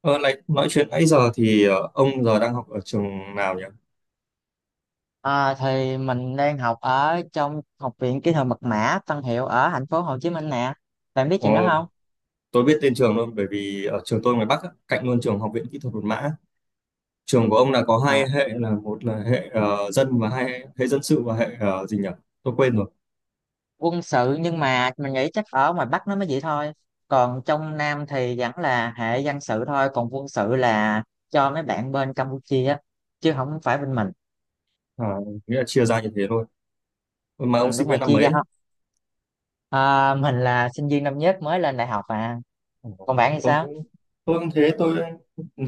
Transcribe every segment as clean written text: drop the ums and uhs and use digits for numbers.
Ờ, này, nói chuyện nãy giờ thì ông giờ đang học ở trường nào nhỉ? À, thì mình đang học ở trong Học viện Kỹ thuật Mật mã Tân Hiệu ở thành phố Hồ Chí Minh nè. Bạn biết chuyện đó Ồ, không? tôi biết tên trường luôn bởi vì ở trường tôi ngoài Bắc á, cạnh luôn trường Học viện Kỹ thuật Một Mã. Trường của ông là có À, hai hệ, là một là hệ dân, và hai hệ dân sự và hệ gì nhỉ? Tôi quên rồi. quân sự nhưng mà mình nghĩ chắc ở ngoài Bắc nó mới vậy thôi. Còn trong Nam thì vẫn là hệ dân sự thôi. Còn quân sự là cho mấy bạn bên Campuchia á, chứ không phải bên mình. À, nghĩa là chia ra như thế thôi. Mà Ừ, ông sinh đúng rồi, viên năm chia mấy? ra Ấy? không? À, mình là sinh viên năm nhất mới lên đại học à. Ờ. Còn bạn thì Tôi sao? cũng tôi cũng thế,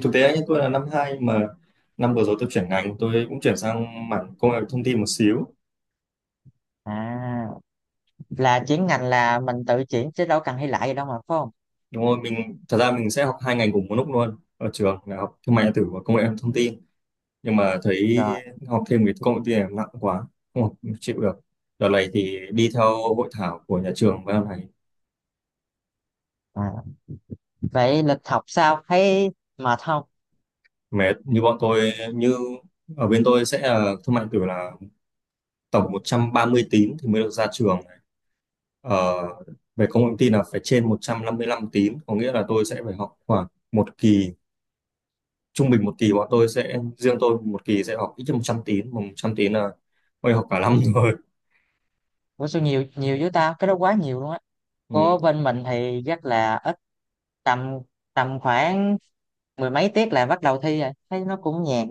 thực tế nhé, tôi là năm hai, mà năm vừa rồi tôi chuyển ngành, tôi cũng chuyển sang mảng công nghệ thông tin một xíu. À, là chuyển ngành là mình tự chuyển chứ đâu cần thi lại gì đâu mà, phải không? Đúng rồi, thật ra mình sẽ học hai ngành cùng một lúc luôn ở trường, là học thương mại điện tử và công nghệ thông tin. Nhưng mà thấy Rồi. học thêm cái công nghệ thông tin này nặng quá, không học không chịu được. Đợt này thì đi theo hội thảo của nhà trường với này. À, vậy lịch học sao, thấy mệt không? Mệt như bọn tôi, như ở bên tôi sẽ là thương mại điện tử là tổng 130 tín thì mới được ra trường. ờ, Về công nghệ thông tin là phải trên 155 tín, có nghĩa là tôi sẽ phải học khoảng một kỳ. Trung bình một kỳ bọn tôi sẽ, riêng tôi một kỳ sẽ học ít nhất 100 tín, mà 100 tín là tôi học cả năm rồi. Ủa, sao nhiều nhiều với tao, cái đó quá nhiều luôn á. Ừ. Của bên mình thì chắc là ít, tầm tầm khoảng mười mấy tiết là bắt đầu thi rồi, thấy nó cũng nhàn.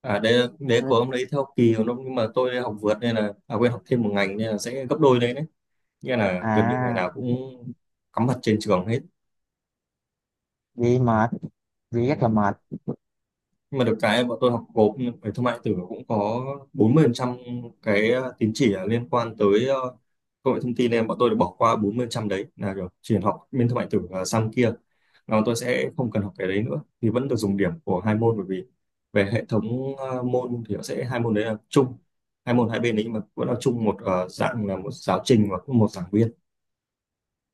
À, đấy đấy Ừ. của ông đấy theo kỳ của nó, nhưng mà tôi học vượt nên là, à quên, học thêm một ngành nên là sẽ gấp đôi đấy đấy. Nghĩa là gần như ngày À, nào cũng cắm mặt trên trường hết. vậy mệt, vậy Ừ. rất là mệt. Nhưng mà được cái bọn tôi học gộp, về thương mại điện tử cũng có 40% cái tín chỉ là liên quan tới công nghệ thông tin, nên bọn tôi được bỏ qua 40% đấy, là kiểu chỉ học bên thương mại điện tử. Ờ, Sang kia là bọn tôi sẽ không cần học cái đấy nữa, thì vẫn được dùng điểm của hai môn, bởi vì về hệ thống môn thì nó sẽ hai môn đấy là chung, hai môn hai bên đấy, nhưng mà vẫn là chung một dạng, là một giáo trình và cũng một giảng viên.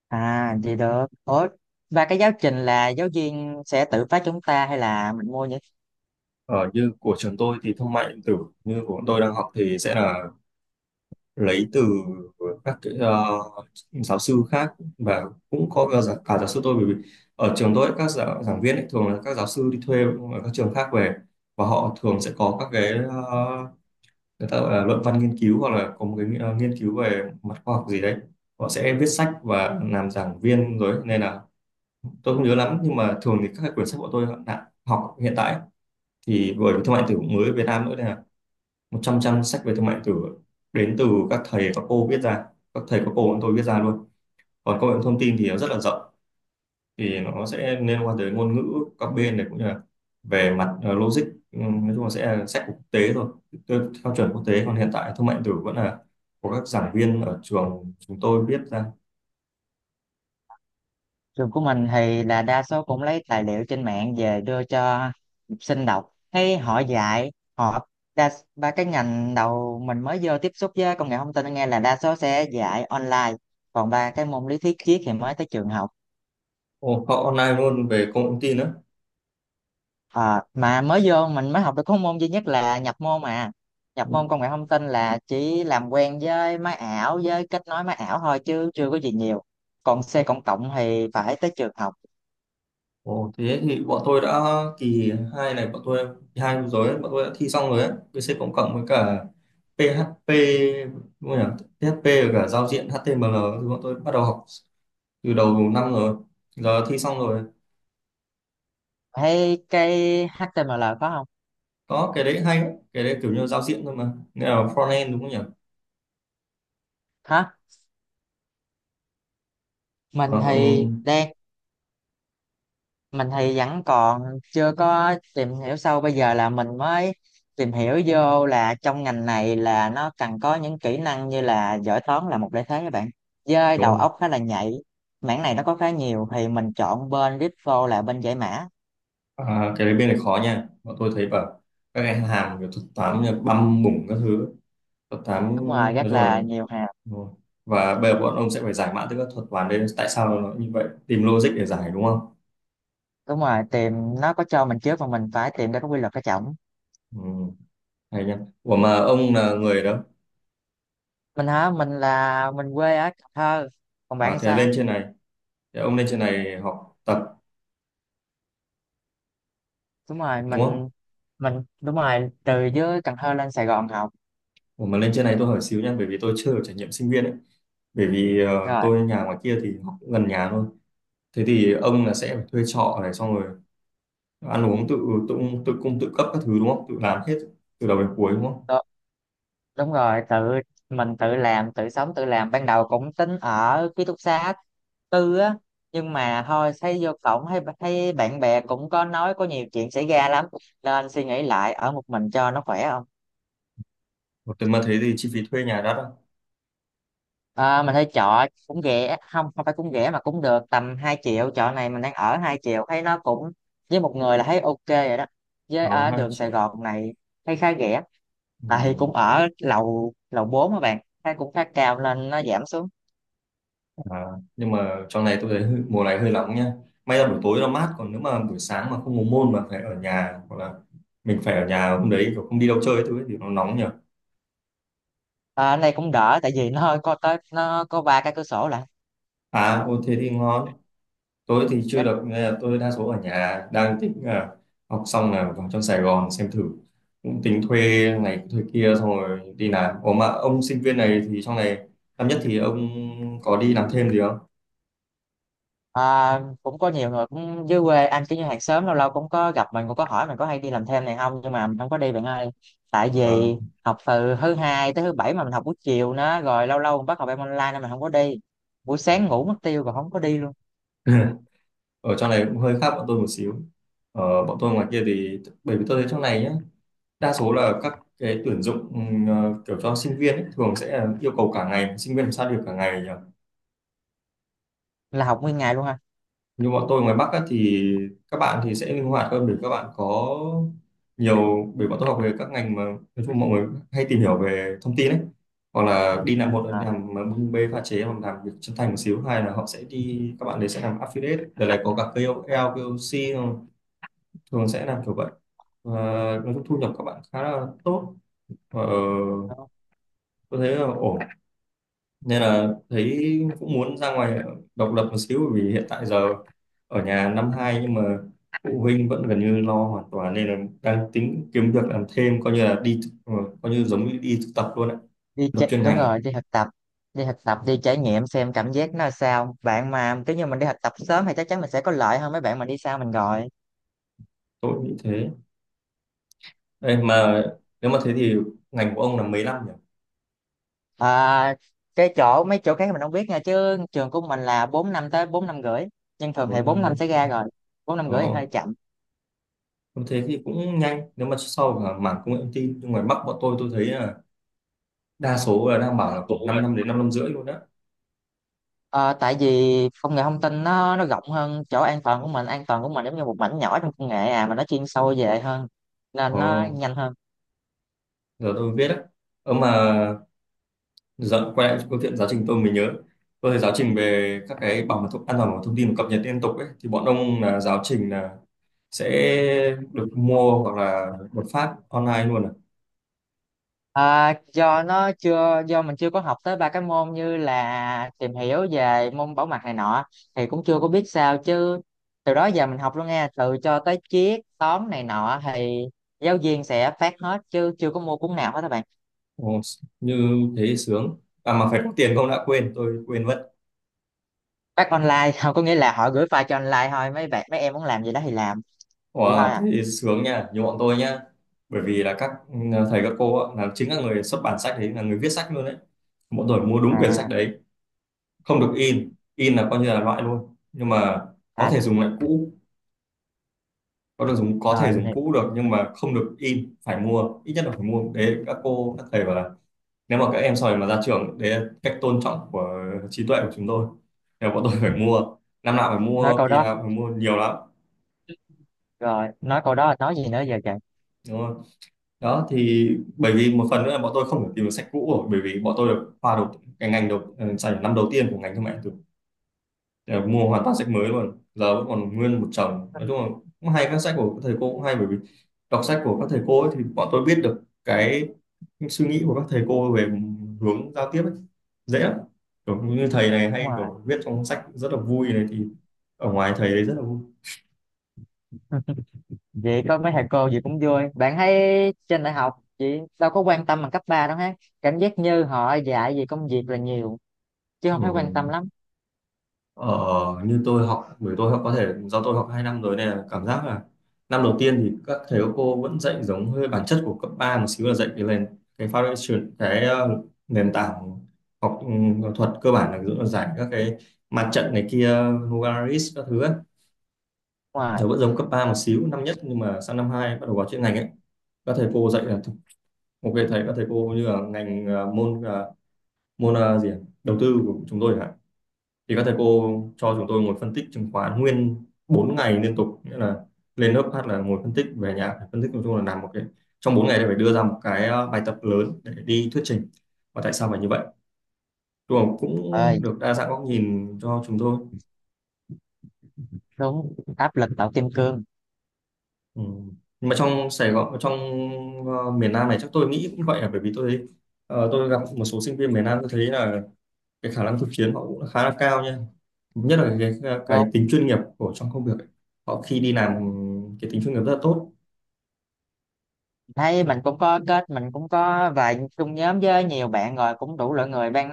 À, vậy được. Ủa, và cái giáo trình là giáo viên sẽ tự phát chúng ta, hay là mình mua những… Ờ, như của trường tôi thì thương mại điện tử, như của bọn tôi đang học, thì sẽ là lấy từ các cái, giáo sư khác, và cũng có cả, cả giáo sư tôi. Bởi vì ở trường tôi ấy, các giảng viên ấy, thường là các giáo sư đi thuê ở các trường khác về, và họ thường sẽ có các cái người ta gọi là luận văn nghiên cứu, hoặc là có một cái nghiên cứu về mặt khoa học gì đấy, họ sẽ viết sách và làm giảng viên rồi ấy. Nên là tôi không nhớ lắm, nhưng mà thường thì các cái quyển sách của tôi đã học hiện tại ấy, thì bởi vì thương mại điện tử cũng mới ở Việt Nam nữa, 100 trang sách về thương mại điện tử đến từ các thầy các cô viết ra, các thầy các cô bọn tôi viết ra luôn. Còn công nghệ thông tin thì nó rất là rộng, thì nó sẽ liên quan tới ngôn ngữ các bên này, cũng như là về mặt logic. Nói chung là sẽ là sách của quốc tế thôi. Theo chuẩn quốc tế, còn hiện tại thương mại điện tử vẫn là của các giảng viên ở trường chúng tôi viết ra. Trường của mình thì là đa số cũng lấy tài liệu trên mạng về đưa cho học sinh đọc. Thấy họ dạy, họ đa, ba cái ngành đầu mình mới vô tiếp xúc với công nghệ thông tin nghe là đa số sẽ dạy online. Còn ba cái môn lý thuyết triết thì mới tới trường học. Ồ, họ online luôn về công nghệ thông tin nữa. Ờ, mà mới vô mình mới học được có môn duy nhất là nhập môn mà. Ừ. Nhập môn công nghệ thông tin là chỉ làm quen với máy ảo, với kết nối máy ảo thôi chứ chưa có gì nhiều. Còn C cộng cộng thì phải tới trường học. Ồ, thế thì bọn tôi đã, kỳ hai này bọn tôi, kỳ hai vừa rồi ấy, bọn tôi đã thi xong rồi ấy, VC cộng cộng với cả PHP, đúng không nhỉ? PHP và cả giao diện HTML thì bọn tôi bắt đầu học từ đầu năm rồi, giờ thi xong rồi. Thấy cái HTML có không? Có cái đấy hay, cái đấy kiểu như giao diện thôi mà, nghĩa là front end đúng không nhỉ? Hả? mình Ờ, còn thì đang mình thì vẫn còn chưa có tìm hiểu sâu, bây giờ là mình mới tìm hiểu vô là trong ngành này là nó cần có những kỹ năng như là giỏi toán là một lợi thế các bạn, với đúng đầu không? óc khá là nhạy. Mảng này nó có khá nhiều thì mình chọn bên crypto là bên giải mã. À, cái đấy bên này khó nha, bọn tôi thấy bảo các cái hàm kiểu thuật toán như băm bủng các thứ, thuật toán. Đúng rồi, Nói rất chung là là đúng nhiều hàng. rồi. Và bây giờ bọn ông sẽ phải giải mã từ các thuật toán đấy, tại sao nó như vậy, tìm logic để giải đúng không? Đúng rồi, tìm, nó có cho mình trước mà mình phải tìm ra cái quy luật cái trọng. Ừ, hay nhá. Ủa mà ông là người đó? Mình hả? Mình quê ở Cần Thơ. Còn bạn À, thì thì là lên sao? trên này. Thế ông lên trên này học tập Đúng rồi, đúng không? mình đúng rồi, từ dưới Cần Thơ lên Sài Gòn học. Ủa mà lên trên này tôi hỏi xíu nha, bởi vì tôi chưa được trải nghiệm sinh viên ấy. Bởi vì Rồi. tôi nhà ngoài kia thì học cũng gần nhà thôi. Thế thì ông là sẽ phải thuê trọ này xong rồi ăn uống tự, tự tự cung tự cấp các thứ đúng không? Tự làm hết từ đầu đến cuối đúng không? Đú- đúng rồi, tự mình tự làm tự sống tự làm, ban đầu cũng tính ở ký túc xá tư á, nhưng mà thôi, thấy vô cổng thấy thấy bạn bè cũng có nói có nhiều chuyện xảy ra lắm, nên suy nghĩ lại ở một mình cho nó khỏe, không? Ủa, thế mà thế thì chi phí thuê nhà đắt không? À, mình thấy trọ cũng rẻ, không, không phải, cũng rẻ mà cũng được tầm 2 triệu, trọ này mình đang ở 2 triệu thấy nó cũng, với một người là thấy ok rồi đó, với Nó ở 2 đường Sài triệu. Gòn này thấy khá rẻ. Đây Ừ. cũng ở lầu lầu 4 các bạn, thấy cũng khá cao nên nó giảm xuống. À, nhưng mà trong này tôi thấy hơi- mùa này hơi nóng nha. May là buổi tối nó mát, còn nếu mà buổi sáng mà không có môn mà phải ở nhà, hoặc là mình phải ở nhà hôm đấy kiểu không đi đâu chơi ấy, thứ ấy, thì nó nóng nhỉ? À, này cũng đỡ tại vì nó hơi có tới, nó có ba cái cửa sổ lại. À, ô thế thì ngon. Tôi thì chưa Chắc… được, nên là tôi đa số ở nhà, đang tính là học xong là vào trong Sài Gòn xem thử. Cũng tính thuê này thuê kia xong rồi đi làm. Ủa mà ông sinh viên này thì trong này năm nhất thì ông có đi làm thêm gì không? À, cũng có nhiều người cũng dưới quê anh kiểu như hàng xóm lâu lâu cũng có gặp, mình cũng có hỏi mình có hay đi làm thêm này không, nhưng mà mình không có đi bạn ơi. Tại Ờ. vì học từ thứ hai tới thứ bảy mà mình học buổi chiều nữa, rồi lâu lâu mình bắt học em online nên mình không có đi, buổi sáng ngủ mất tiêu rồi không có đi luôn. Ở trong này cũng hơi khác bọn tôi một xíu. Ờ, bọn tôi ngoài kia thì, bởi vì tôi thấy trong này nhá, đa số là các cái tuyển dụng, kiểu cho sinh viên ấy, thường sẽ là yêu cầu cả ngày, sinh viên làm sao được cả ngày nhỉ? Là học nguyên ngày luôn ha. Như bọn tôi ngoài Bắc á, thì các bạn thì sẽ linh hoạt hơn để các bạn có nhiều. Bởi bọn tôi học về các ngành mà nói chung mọi người hay tìm hiểu về thông tin ấy, hoặc là đi làm, một là làm bưng bê pha chế, hoặc làm việc chân thành một xíu, hay là họ sẽ đi, các bạn đấy sẽ làm affiliate đợt này, có cả KOL, KOC không? Thường sẽ làm kiểu vậy. Và nói chung thu nhập các bạn khá là tốt, và À. tôi thấy là ổn, nên là thấy cũng muốn ra ngoài độc lập một xíu. Bởi vì hiện tại giờ ở nhà năm hai nhưng mà phụ huynh vẫn gần như lo hoàn toàn, nên là đang tính kiếm việc làm thêm, coi như là coi như giống như đi thực tập luôn ạ, Đi thực tập chạy, chuyên đúng ngành ấy. rồi, đi thực tập, đi thực tập đi trải nghiệm xem cảm giác nó sao bạn, mà cứ như mình đi thực tập sớm thì chắc chắn mình sẽ có lợi hơn mấy bạn mà đi sau mình rồi. Tôi nghĩ thế. Đây Ừ. mà nếu mà thế thì ngành của ông là mấy năm nhỉ, À, cái chỗ mấy chỗ khác mình không biết nha, chứ trường của mình là 4 năm tới 4 năm rưỡi, nhưng thường thì bốn 4 năm năm sẽ ra rồi, 4 năm rưỡi thì hơi Ồ, chậm. nếu thế thì cũng nhanh, nếu mà sau là mảng công nghệ thông tin, nhưng ngoài Bắc bọn tôi thấy là đa số là đang bảo là khoảng 5 năm đến 5 năm rưỡi luôn đó. Ờ, tại vì công nghệ thông tin nó rộng hơn, chỗ an toàn của mình, an toàn của mình giống như một mảnh nhỏ trong công nghệ à, mà nó chuyên sâu về hơn nên Ồ, nó nhanh hơn. giờ tôi biết đấy. Ờ mà, dạ, quay lại câu chuyện giáo trình tôi mới nhớ. Tôi thấy giáo trình về các cái bảo mật thông, an toàn bảo mật thông tin và cập nhật liên tục ấy, thì bọn ông là giáo trình là sẽ được mua hoặc là một phát online luôn à? À, do mình chưa có học tới ba cái môn như là tìm hiểu về môn bảo mật này nọ thì cũng chưa có biết sao, chứ từ đó giờ mình học luôn nghe từ cho tới triết toán này nọ thì giáo viên sẽ phát hết chứ chưa có mua cuốn nào hết các bạn. Ồ, như thế thì sướng. À mà phải có tiền không đã, quên, tôi quên mất. Phát online không, có nghĩa là họ gửi file cho online thôi, mấy bạn mấy em muốn làm gì đó thì làm vậy thôi Wow, à. thế thì sướng nha, như bọn tôi nhá. Bởi vì là các thầy các cô ạ, là chính các người xuất bản sách đấy, là người viết sách luôn đấy. Bọn tôi mua đúng quyển sách À, đấy, không được in, in là coi như là loại luôn. Nhưng mà có à thể dùng lại cũ có thể rồi mình dùng hiểu. cũ được nhưng mà không được in, phải mua, ít nhất là phải mua. Đấy các cô các thầy bảo là nếu mà các em sau này mà ra trường đấy là cách tôn trọng của trí tuệ của chúng tôi. Nên bọn tôi phải mua, năm nào phải Nói mua, câu kỳ đó nào phải mua, nhiều lắm rồi nói câu đó là nói gì nữa giờ trời. đúng không? Đó thì bởi vì một phần nữa là bọn tôi không thể tìm được sách cũ rồi, bởi vì bọn tôi được khoa đầu cái ngành đầu, dành năm đầu tiên của ngành thương mại điện tử. Ờ, Mua hoàn toàn sách mới luôn, giờ vẫn còn nguyên một chồng. Nói chung là cũng hay, các sách của các thầy cô cũng hay, bởi vì đọc sách của các thầy cô ấy thì bọn tôi biết được cái những suy nghĩ của các thầy cô về hướng giao tiếp ấy, dễ lắm. Kiểu như thầy này hay kiểu viết trong sách rất là vui này thì ở ngoài thầy đấy rất là vui. Vậy có mấy thầy cô gì cũng vui. Bạn thấy trên đại học chị đâu có quan tâm bằng cấp 3 đâu ha. Cảm giác như họ dạy về công việc là nhiều chứ Ừ. không thấy quan tâm lắm. ờ, Như tôi học, bởi tôi học, có thể do tôi học 2 năm rồi nên là cảm giác là năm đầu tiên thì các thầy các cô vẫn dạy giống hơi bản chất của cấp 3 một xíu, là dạy cái nền, cái foundation, nền tảng học, thuật cơ bản, là ví dụ là giải các cái mặt trận này kia, Novaris các thứ ấy. Giờ Ngoài vẫn giống cấp 3 một xíu năm nhất, nhưng mà sang năm 2 bắt đầu vào chuyên ngành ấy, các thầy cô dạy là ok thầy các thầy cô như là ngành à, môn à, môn à, gì ạ? Đầu tư của chúng tôi chẳng, thì các thầy cô cho chúng tôi ngồi phân tích chứng khoán nguyên 4 ngày liên tục, nghĩa là lên lớp hát là ngồi phân tích, về nhà phải phân tích. Nói chung là làm một cái, trong 4 ngày thì phải đưa ra một cái à, bài tập lớn để đi thuyết trình. Và tại sao phải như vậy? Đúng, cũng ơi, được đa dạng góc nhìn cho chúng tôi. đúng, áp lực tạo kim cương. Ừ. Nhưng mà trong Sài Gòn, trong miền Nam này chắc tôi nghĩ cũng vậy, là bởi vì tôi thấy, tôi gặp một số sinh viên miền Nam, tôi thấy là cái khả năng thực chiến họ cũng khá là cao nha, nhất là cái Cô, tính chuyên nghiệp của trong công việc ấy. Họ khi đi làm cái tính chuyên nghiệp rất là tốt, thấy mình cũng có kết, mình cũng có vài chung nhóm với nhiều bạn rồi cũng đủ loại người ban,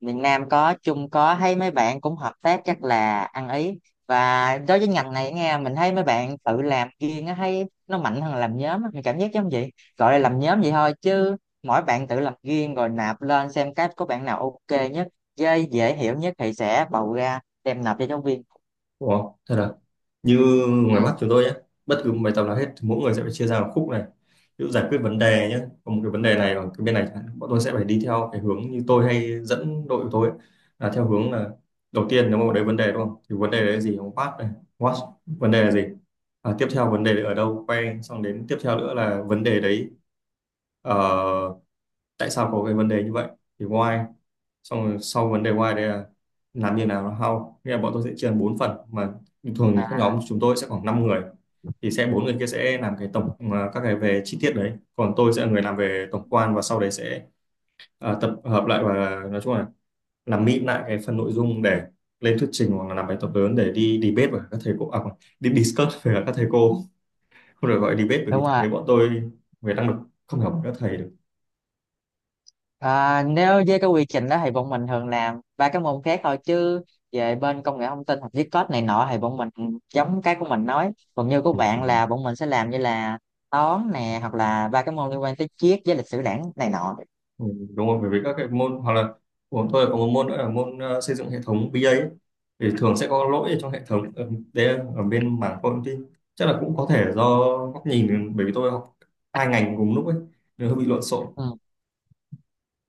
miền Nam có Trung có, thấy mấy bạn cũng hợp tác chắc là ăn ý. Và đối với ngành này nghe mình thấy mấy bạn tự làm riêng á thấy nó mạnh hơn làm nhóm á. Mình cảm giác giống vậy, gọi là làm nhóm vậy thôi chứ mỗi bạn tự làm riêng rồi nạp lên xem cái có bạn nào ok nhất với dễ hiểu nhất thì sẽ bầu ra đem nộp cho giáo viên. đúng không? Thật là như Ừ. ngoài mắt chúng tôi nhé, bất cứ một bài tập nào hết thì mỗi người sẽ phải chia ra một khúc này, ví dụ giải quyết vấn đề nhé, có một cái vấn đề này ở cái bên này chẳng hạn, bọn tôi sẽ phải đi theo cái hướng như tôi hay dẫn đội của tôi ấy, là theo hướng là đầu tiên nếu mà đấy vấn đề đúng không, thì vấn đề đấy là gì, what này, what, vấn đề là gì, à, tiếp theo vấn đề đấy ở đâu, quay xong đến tiếp theo nữa là vấn đề đấy ờ, tại sao có cái vấn đề như vậy, thì why, xong rồi sau vấn đề why đấy là làm như nào, là how. Nghĩa là bọn tôi sẽ chia thành 4 phần mà thường các À, nhóm chúng tôi sẽ khoảng 5 người, thì sẽ 4 người kia sẽ làm cái tổng à, các cái về chi tiết đấy, còn tôi sẽ là người làm về tổng quan và sau đấy sẽ à, tập hợp lại và nói chung là làm mịn lại cái phần nội dung để lên thuyết trình hoặc là làm bài tập lớn để đi debate với các thầy cô, à, không, đi discuss với các thầy cô, không được gọi là debate bởi vì đúng thực rồi. tế bọn tôi về năng lực không hiểu các thầy được. À, nếu với cái quy trình đó thì bọn mình thường làm ba cái môn khác thôi, chứ về bên công nghệ thông tin hoặc viết code này nọ thì bọn mình giống cái của mình nói, còn như của Ừ. bạn Ừ. là bọn mình sẽ làm như là toán nè hoặc là ba cái môn liên quan tới triết với lịch sử đảng này nọ. Ừ, đúng rồi, bởi vì các cái môn hoặc là của tôi có một môn nữa là môn xây dựng hệ thống BA ấy, thì thường sẽ có lỗi ở trong hệ thống ở, đấy là ở bên mảng công ty, chắc là cũng có thể do góc nhìn bởi vì tôi học 2 ngành cùng lúc ấy nên hơi bị lộn xộn. Ừ,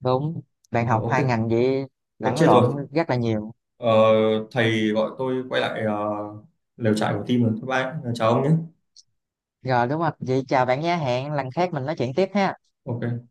đúng. Bạn Ờ, học ok. hai ngành vậy Ờ, lẫn chết rồi. lộn rất là nhiều. Ờ, Thầy gọi tôi quay lại lều trại của team rồi, bye bye chào ông nhé. Rồi đúng không, vậy chào bạn nhé, hẹn lần khác mình nói chuyện tiếp ha. Ok.